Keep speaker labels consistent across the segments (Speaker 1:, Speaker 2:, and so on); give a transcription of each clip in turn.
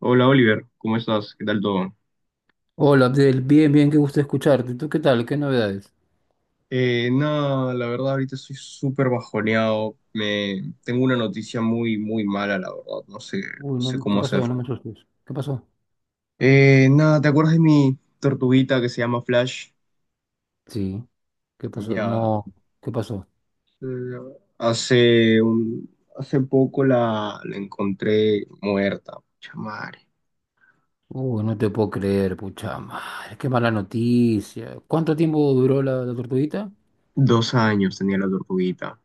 Speaker 1: Hola, Oliver, ¿cómo estás? ¿Qué tal todo?
Speaker 2: Hola, Abdel. Bien, bien, qué gusto escucharte. ¿Tú qué tal? ¿Qué novedades?
Speaker 1: Nada, la verdad ahorita estoy súper bajoneado. Tengo una noticia muy, muy mala, la verdad.
Speaker 2: Uy,
Speaker 1: No sé
Speaker 2: no, ¿qué
Speaker 1: cómo
Speaker 2: pasó?
Speaker 1: hacer.
Speaker 2: No me asustes. ¿Qué pasó?
Speaker 1: Nada, ¿te acuerdas de mi tortuguita que se llama Flash?
Speaker 2: Sí, ¿qué pasó?
Speaker 1: Ya,
Speaker 2: No, ¿qué pasó?
Speaker 1: eh, hace poco la encontré muerta. Pucha madre.
Speaker 2: Uy, no te puedo creer, pucha madre. Qué mala noticia. ¿Cuánto tiempo duró la tortuguita?
Speaker 1: 2 años tenía la tortuguita.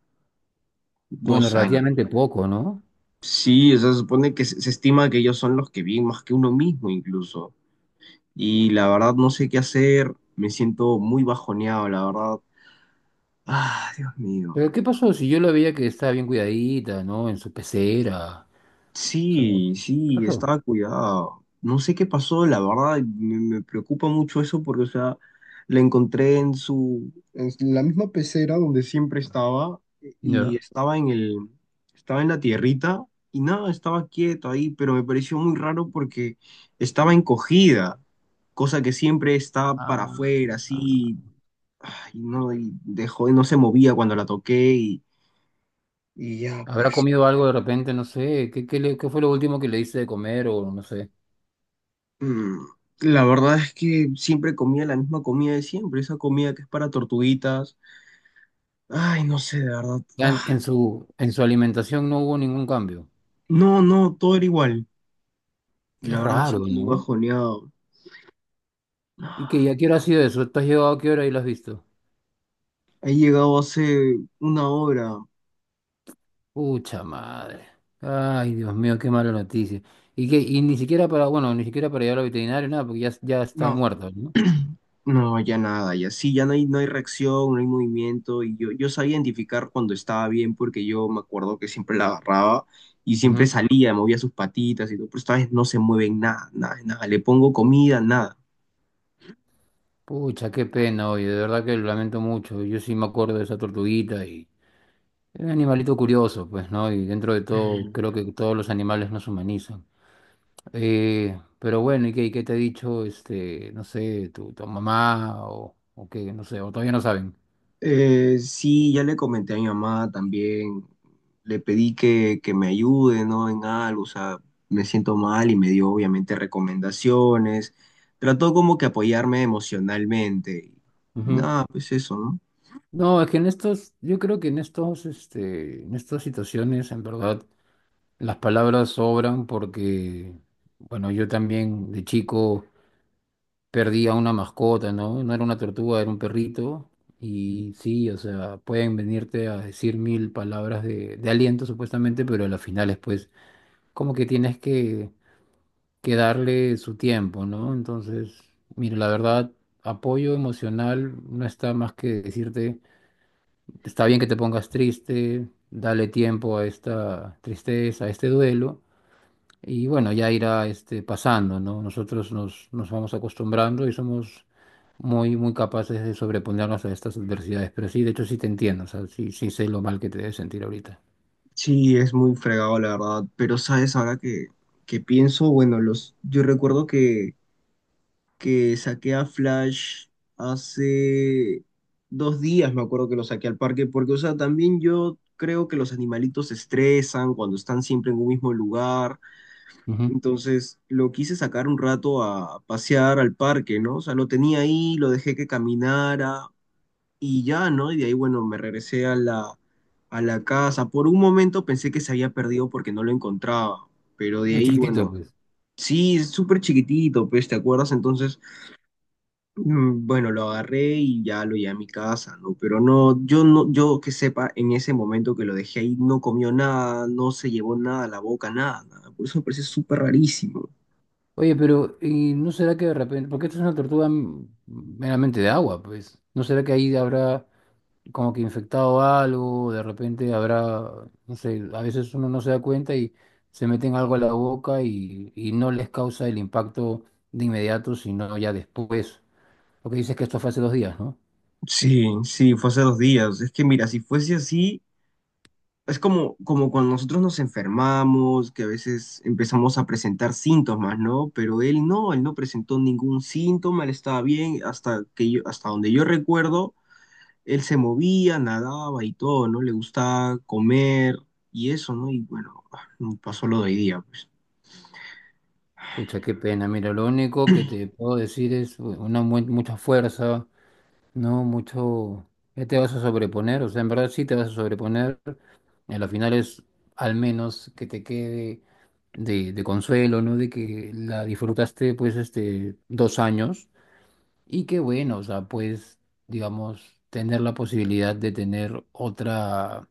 Speaker 2: Bueno,
Speaker 1: 2 años.
Speaker 2: relativamente poco, ¿no?
Speaker 1: Sí, o sea, se supone que se estima que ellos son los que viven más que uno mismo incluso. Y la verdad no sé qué hacer, me siento muy bajoneado, la verdad. Ah, Dios mío.
Speaker 2: Pero ¿qué pasó? Si yo la veía que estaba bien cuidadita, ¿no? En su pecera. O sea,
Speaker 1: Sí,
Speaker 2: ¿qué
Speaker 1: sí,
Speaker 2: pasó?
Speaker 1: estaba cuidado. No sé qué pasó, la verdad, me preocupa mucho eso porque, o sea, la encontré en la misma pecera donde siempre estaba y
Speaker 2: Ya.
Speaker 1: estaba en la tierrita y nada, estaba quieto ahí, pero me pareció muy raro porque estaba encogida, cosa que siempre está para
Speaker 2: Ah,
Speaker 1: afuera, así, ay, no, y dejó, no se movía cuando la toqué y ya,
Speaker 2: ¿habrá
Speaker 1: pues.
Speaker 2: comido algo de repente? No sé. ¿Qué, qué fue lo último que le hice de comer o no sé?
Speaker 1: Mm, La verdad es que siempre comía la misma comida de siempre, esa comida que es para tortuguitas. Ay, no sé, de verdad.
Speaker 2: Ya en,
Speaker 1: Ah,
Speaker 2: en su, en su alimentación no hubo ningún cambio.
Speaker 1: no, no, todo era igual.
Speaker 2: Qué
Speaker 1: La verdad me
Speaker 2: raro,
Speaker 1: siento muy
Speaker 2: ¿no?
Speaker 1: bajoneado.
Speaker 2: ¿Y
Speaker 1: Ah,
Speaker 2: que ya qué hora ha sido eso? ¿Tú has llegado a qué hora y lo has visto?
Speaker 1: he llegado hace una hora.
Speaker 2: Pucha madre. Ay, Dios mío, qué mala noticia. Y que, y ni siquiera para, bueno, ni siquiera para llevar al veterinario, nada, porque ya está
Speaker 1: No,
Speaker 2: muerto, ¿no?
Speaker 1: no, ya nada, ya sí, ya no hay reacción, no hay movimiento. Y yo sabía identificar cuando estaba bien porque yo me acuerdo que siempre la agarraba y siempre
Speaker 2: Ujú.
Speaker 1: salía, movía sus patitas y todo, pero esta vez no se mueven nada, nada, nada. Le pongo comida, nada.
Speaker 2: Pucha, qué pena, oye, de verdad que lo lamento mucho. Yo sí me acuerdo de esa tortuguita y era un animalito curioso, pues, ¿no? Y dentro de todo, creo que todos los animales nos humanizan. Pero bueno, y qué te ha dicho, este, no sé, tu mamá o qué, no sé, o todavía no saben?
Speaker 1: Sí, ya le comenté a mi mamá también, le pedí que me ayude, ¿no? En algo, o sea, me siento mal y me dio obviamente recomendaciones, trató como que apoyarme emocionalmente y
Speaker 2: Ujú.
Speaker 1: nada, pues eso, ¿no?
Speaker 2: No, es que en estos, yo creo que en estos, este, en estas situaciones, en verdad, las palabras sobran porque, bueno, yo también de chico perdí a una mascota, ¿no? No era una tortuga, era un perrito. Y sí, o sea, pueden venirte a decir mil palabras de aliento, supuestamente, pero a las finales, pues, como que tienes que darle su tiempo, ¿no? Entonces, mire, la verdad, apoyo emocional no está más que decirte, está bien que te pongas triste, dale tiempo a esta tristeza, a este duelo, y bueno, ya irá este, pasando, ¿no? Nosotros nos vamos acostumbrando y somos muy, muy capaces de sobreponernos a estas adversidades, pero sí, de hecho sí te entiendo, o sea, sí, sí sé lo mal que te debes sentir ahorita.
Speaker 1: Sí, es muy fregado la verdad, pero sabes, ahora que pienso, bueno, yo recuerdo que saqué a Flash hace 2 días, me acuerdo que lo saqué al parque, porque, o sea, también yo creo que los animalitos se estresan cuando están siempre en un mismo lugar,
Speaker 2: Ujú.
Speaker 1: entonces lo quise sacar un rato a pasear al parque, ¿no? O sea, lo tenía ahí, lo dejé que caminara y ya, ¿no? Y de ahí, bueno, me regresé a a la casa. Por un momento pensé que se había perdido porque no lo encontraba, pero de
Speaker 2: Lo
Speaker 1: ahí,
Speaker 2: chiquitito,
Speaker 1: bueno,
Speaker 2: pues.
Speaker 1: sí, es súper chiquitito, pues, ¿te acuerdas? Entonces... Bueno, lo agarré y ya lo llevé a mi casa, ¿no? Pero no, yo no, yo que sepa, en ese momento que lo dejé ahí, no comió nada, no se llevó nada a la boca, nada, nada. Por eso me parece súper rarísimo.
Speaker 2: Oye, pero ¿y no será que de repente, porque esta es una tortuga meramente de agua, pues, ¿no será que ahí habrá como que infectado algo, de repente habrá, no sé, a veces uno no se da cuenta y se meten algo a la boca y no les causa el impacto de inmediato, sino ya después? Porque dices que esto fue hace 2 días, ¿no?
Speaker 1: Sí, sí, fue hace 2 días. Es que mira, si fuese así, es como cuando nosotros nos enfermamos, que a veces empezamos a presentar síntomas, ¿no? Pero él no presentó ningún síntoma, él estaba bien, hasta donde yo recuerdo. Él se movía, nadaba y todo, ¿no? Le gustaba comer y eso, ¿no? Y bueno, pasó lo de hoy día, pues.
Speaker 2: Pucha, qué pena, mira, lo único que te puedo decir es pues, una mucha fuerza, ¿no? Mucho, ya te vas a sobreponer, o sea, en verdad sí te vas a sobreponer. Y a la final es al menos que te quede de consuelo, ¿no? De que la disfrutaste pues este 2 años y que bueno, o sea, pues digamos, tener la posibilidad de tener otra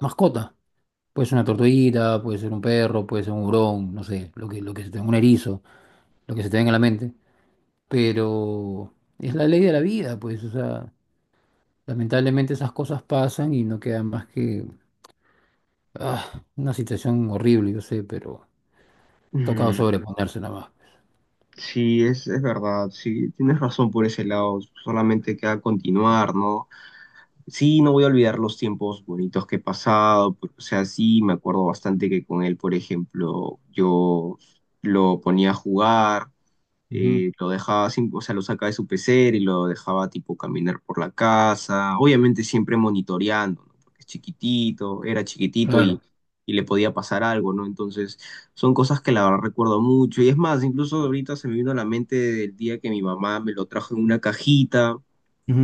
Speaker 2: mascota. Puede ser una tortuguita, puede ser un perro, puede ser un hurón, no sé, lo que se te, un erizo, lo que se te venga a la mente. Pero es la ley de la vida, pues, o sea, lamentablemente esas cosas pasan y no queda más que ah, una situación horrible, yo sé, pero... Tocado
Speaker 1: Mm,
Speaker 2: sobreponerse nada más.
Speaker 1: sí, es verdad, sí, tienes razón por ese lado, solamente queda continuar, ¿no? Sí, no voy a olvidar los tiempos bonitos que he pasado, pero, o sea, sí, me acuerdo bastante que con él, por ejemplo, yo lo ponía a jugar
Speaker 2: Ujú,
Speaker 1: lo dejaba, o sea, lo sacaba de su pecera y lo dejaba tipo caminar por la casa, obviamente siempre monitoreando, ¿no? Porque es chiquitito, era chiquitito
Speaker 2: claro.
Speaker 1: y le podía pasar algo, ¿no? Entonces, son cosas que la verdad recuerdo mucho. Y es más, incluso ahorita se me vino a la mente el día que mi mamá me lo trajo en una cajita.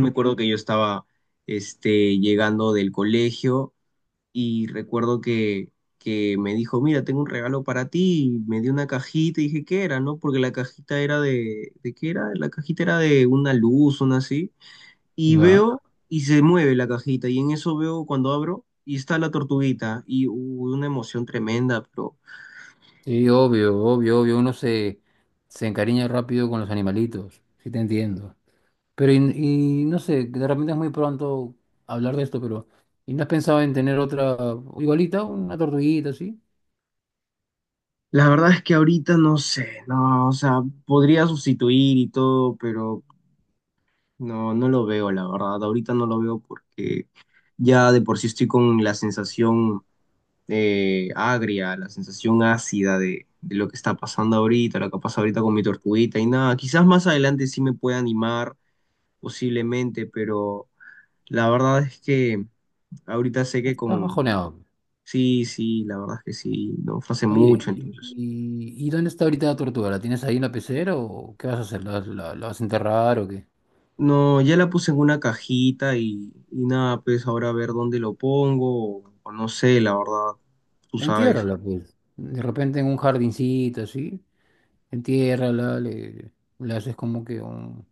Speaker 1: Me acuerdo que yo estaba, llegando del colegio y recuerdo que me dijo, mira, tengo un regalo para ti, y me dio una cajita y dije, ¿qué era? No, porque la cajita era ¿de qué era? La cajita era de una luz, una así, y
Speaker 2: Ya.
Speaker 1: veo y se mueve la cajita y en eso veo cuando abro y está la tortuguita y hubo una emoción tremenda, pero
Speaker 2: Sí, obvio, obvio, obvio. Uno se, se encariña rápido con los animalitos. Sí, te entiendo. Pero, y no sé, de repente es muy pronto hablar de esto, pero. ¿Y no has pensado en tener otra igualita, una tortuguita así?
Speaker 1: la verdad es que ahorita no sé, no, o sea, podría sustituir y todo, pero no, no lo veo, la verdad, ahorita no lo veo porque... Ya de por sí estoy con la sensación agria, la sensación ácida de lo que está pasando ahorita, lo que pasa ahorita con mi tortuguita y nada. Quizás más adelante sí me pueda animar, posiblemente, pero la verdad es que ahorita sé que
Speaker 2: Estás
Speaker 1: con...
Speaker 2: bajoneado.
Speaker 1: Sí, sí, la verdad es que sí, no fue hace
Speaker 2: Oye,
Speaker 1: mucho
Speaker 2: ¿y,
Speaker 1: entonces.
Speaker 2: y dónde está ahorita la tortuga? ¿La tienes ahí en la pecera o qué vas a hacer? ¿La, la vas a enterrar o qué?
Speaker 1: No, ya la puse en una cajita y nada, pues ahora a ver dónde lo pongo, o, no sé, la verdad, tú sabes.
Speaker 2: Entiérrala, pues. De repente en un jardincito así. Entiérrala, le haces como que un,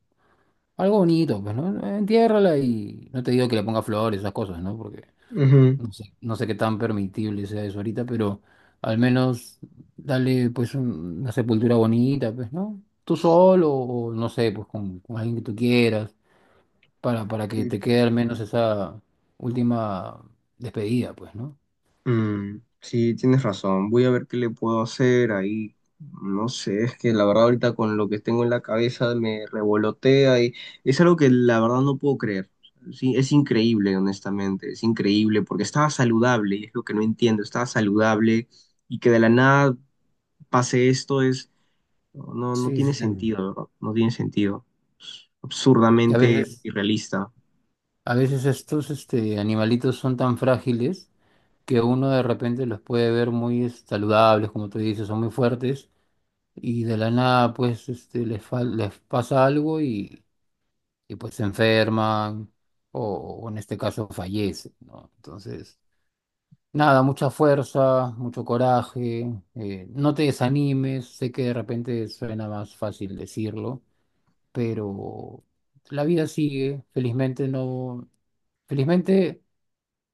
Speaker 2: algo bonito, pues, ¿no? Entiérrala y no te digo que le ponga flores, esas cosas, ¿no? Porque
Speaker 1: Ujú.
Speaker 2: no sé, no sé qué tan permitible sea eso ahorita, pero al menos dale, pues, una sepultura bonita, pues, ¿no? Tú solo o no sé, pues, con alguien que tú quieras, para que
Speaker 1: Sí,
Speaker 2: te quede
Speaker 1: pues.
Speaker 2: al menos esa última despedida, pues, ¿no?
Speaker 1: Mm, sí, tienes razón. Voy a ver qué le puedo hacer ahí. No sé, es que la verdad ahorita con lo que tengo en la cabeza me revolotea y es algo que la verdad no puedo creer. Sí, es increíble, honestamente, es increíble porque estaba saludable y es lo que no entiendo, estaba saludable y que de la nada pase esto es, no, no
Speaker 2: Sí,
Speaker 1: tiene
Speaker 2: sí, también.
Speaker 1: sentido, ¿verdad? No tiene sentido.
Speaker 2: Que
Speaker 1: Absurdamente irrealista.
Speaker 2: a veces estos, este, animalitos son tan frágiles que uno de repente los puede ver muy saludables, como tú dices, son muy fuertes, y de la nada pues este, les, les pasa algo y, pues se enferman o, o en este caso fallecen, ¿no? Entonces, nada, mucha fuerza, mucho coraje, no te desanimes, sé que de repente suena más fácil decirlo, pero la vida sigue, felizmente no, felizmente...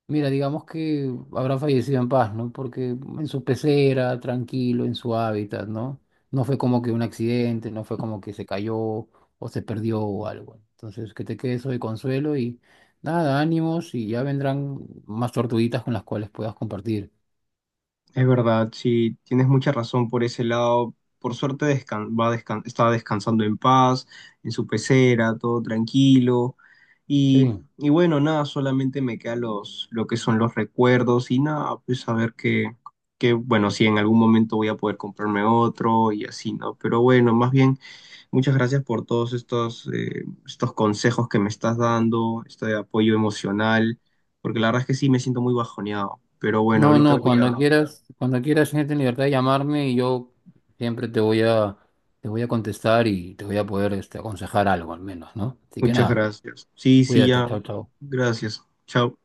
Speaker 2: Mira, digamos que habrá fallecido en paz, ¿no? Porque en su pecera, tranquilo, en su hábitat, ¿no? No fue como que un accidente, no fue como que se cayó o se perdió o algo. Entonces, que te quede eso de consuelo y nada, ánimos y ya vendrán más tortuguitas con las cuales puedas compartir.
Speaker 1: Es verdad, sí, tienes mucha razón por ese lado. Por suerte está descansando en paz, en su pecera, todo tranquilo. Y,
Speaker 2: Sí.
Speaker 1: y bueno, nada, solamente me queda lo que son los recuerdos y nada, pues a ver bueno, si en algún momento voy a poder comprarme otro y así, ¿no? Pero bueno, más bien, muchas gracias por todos estos consejos que me estás dando, este apoyo emocional, porque la verdad es que sí me siento muy bajoneado. Pero bueno,
Speaker 2: No, claro,
Speaker 1: ahorita
Speaker 2: no,
Speaker 1: voy a...
Speaker 2: cuando quieras, gente en libertad de llamarme y yo siempre te voy a contestar y te voy a poder, este, aconsejar algo al menos, ¿no? Así que
Speaker 1: Muchas
Speaker 2: nada,
Speaker 1: gracias. Sí, sí,
Speaker 2: cuídate,
Speaker 1: ya.
Speaker 2: chao, chao.
Speaker 1: Gracias. Chao.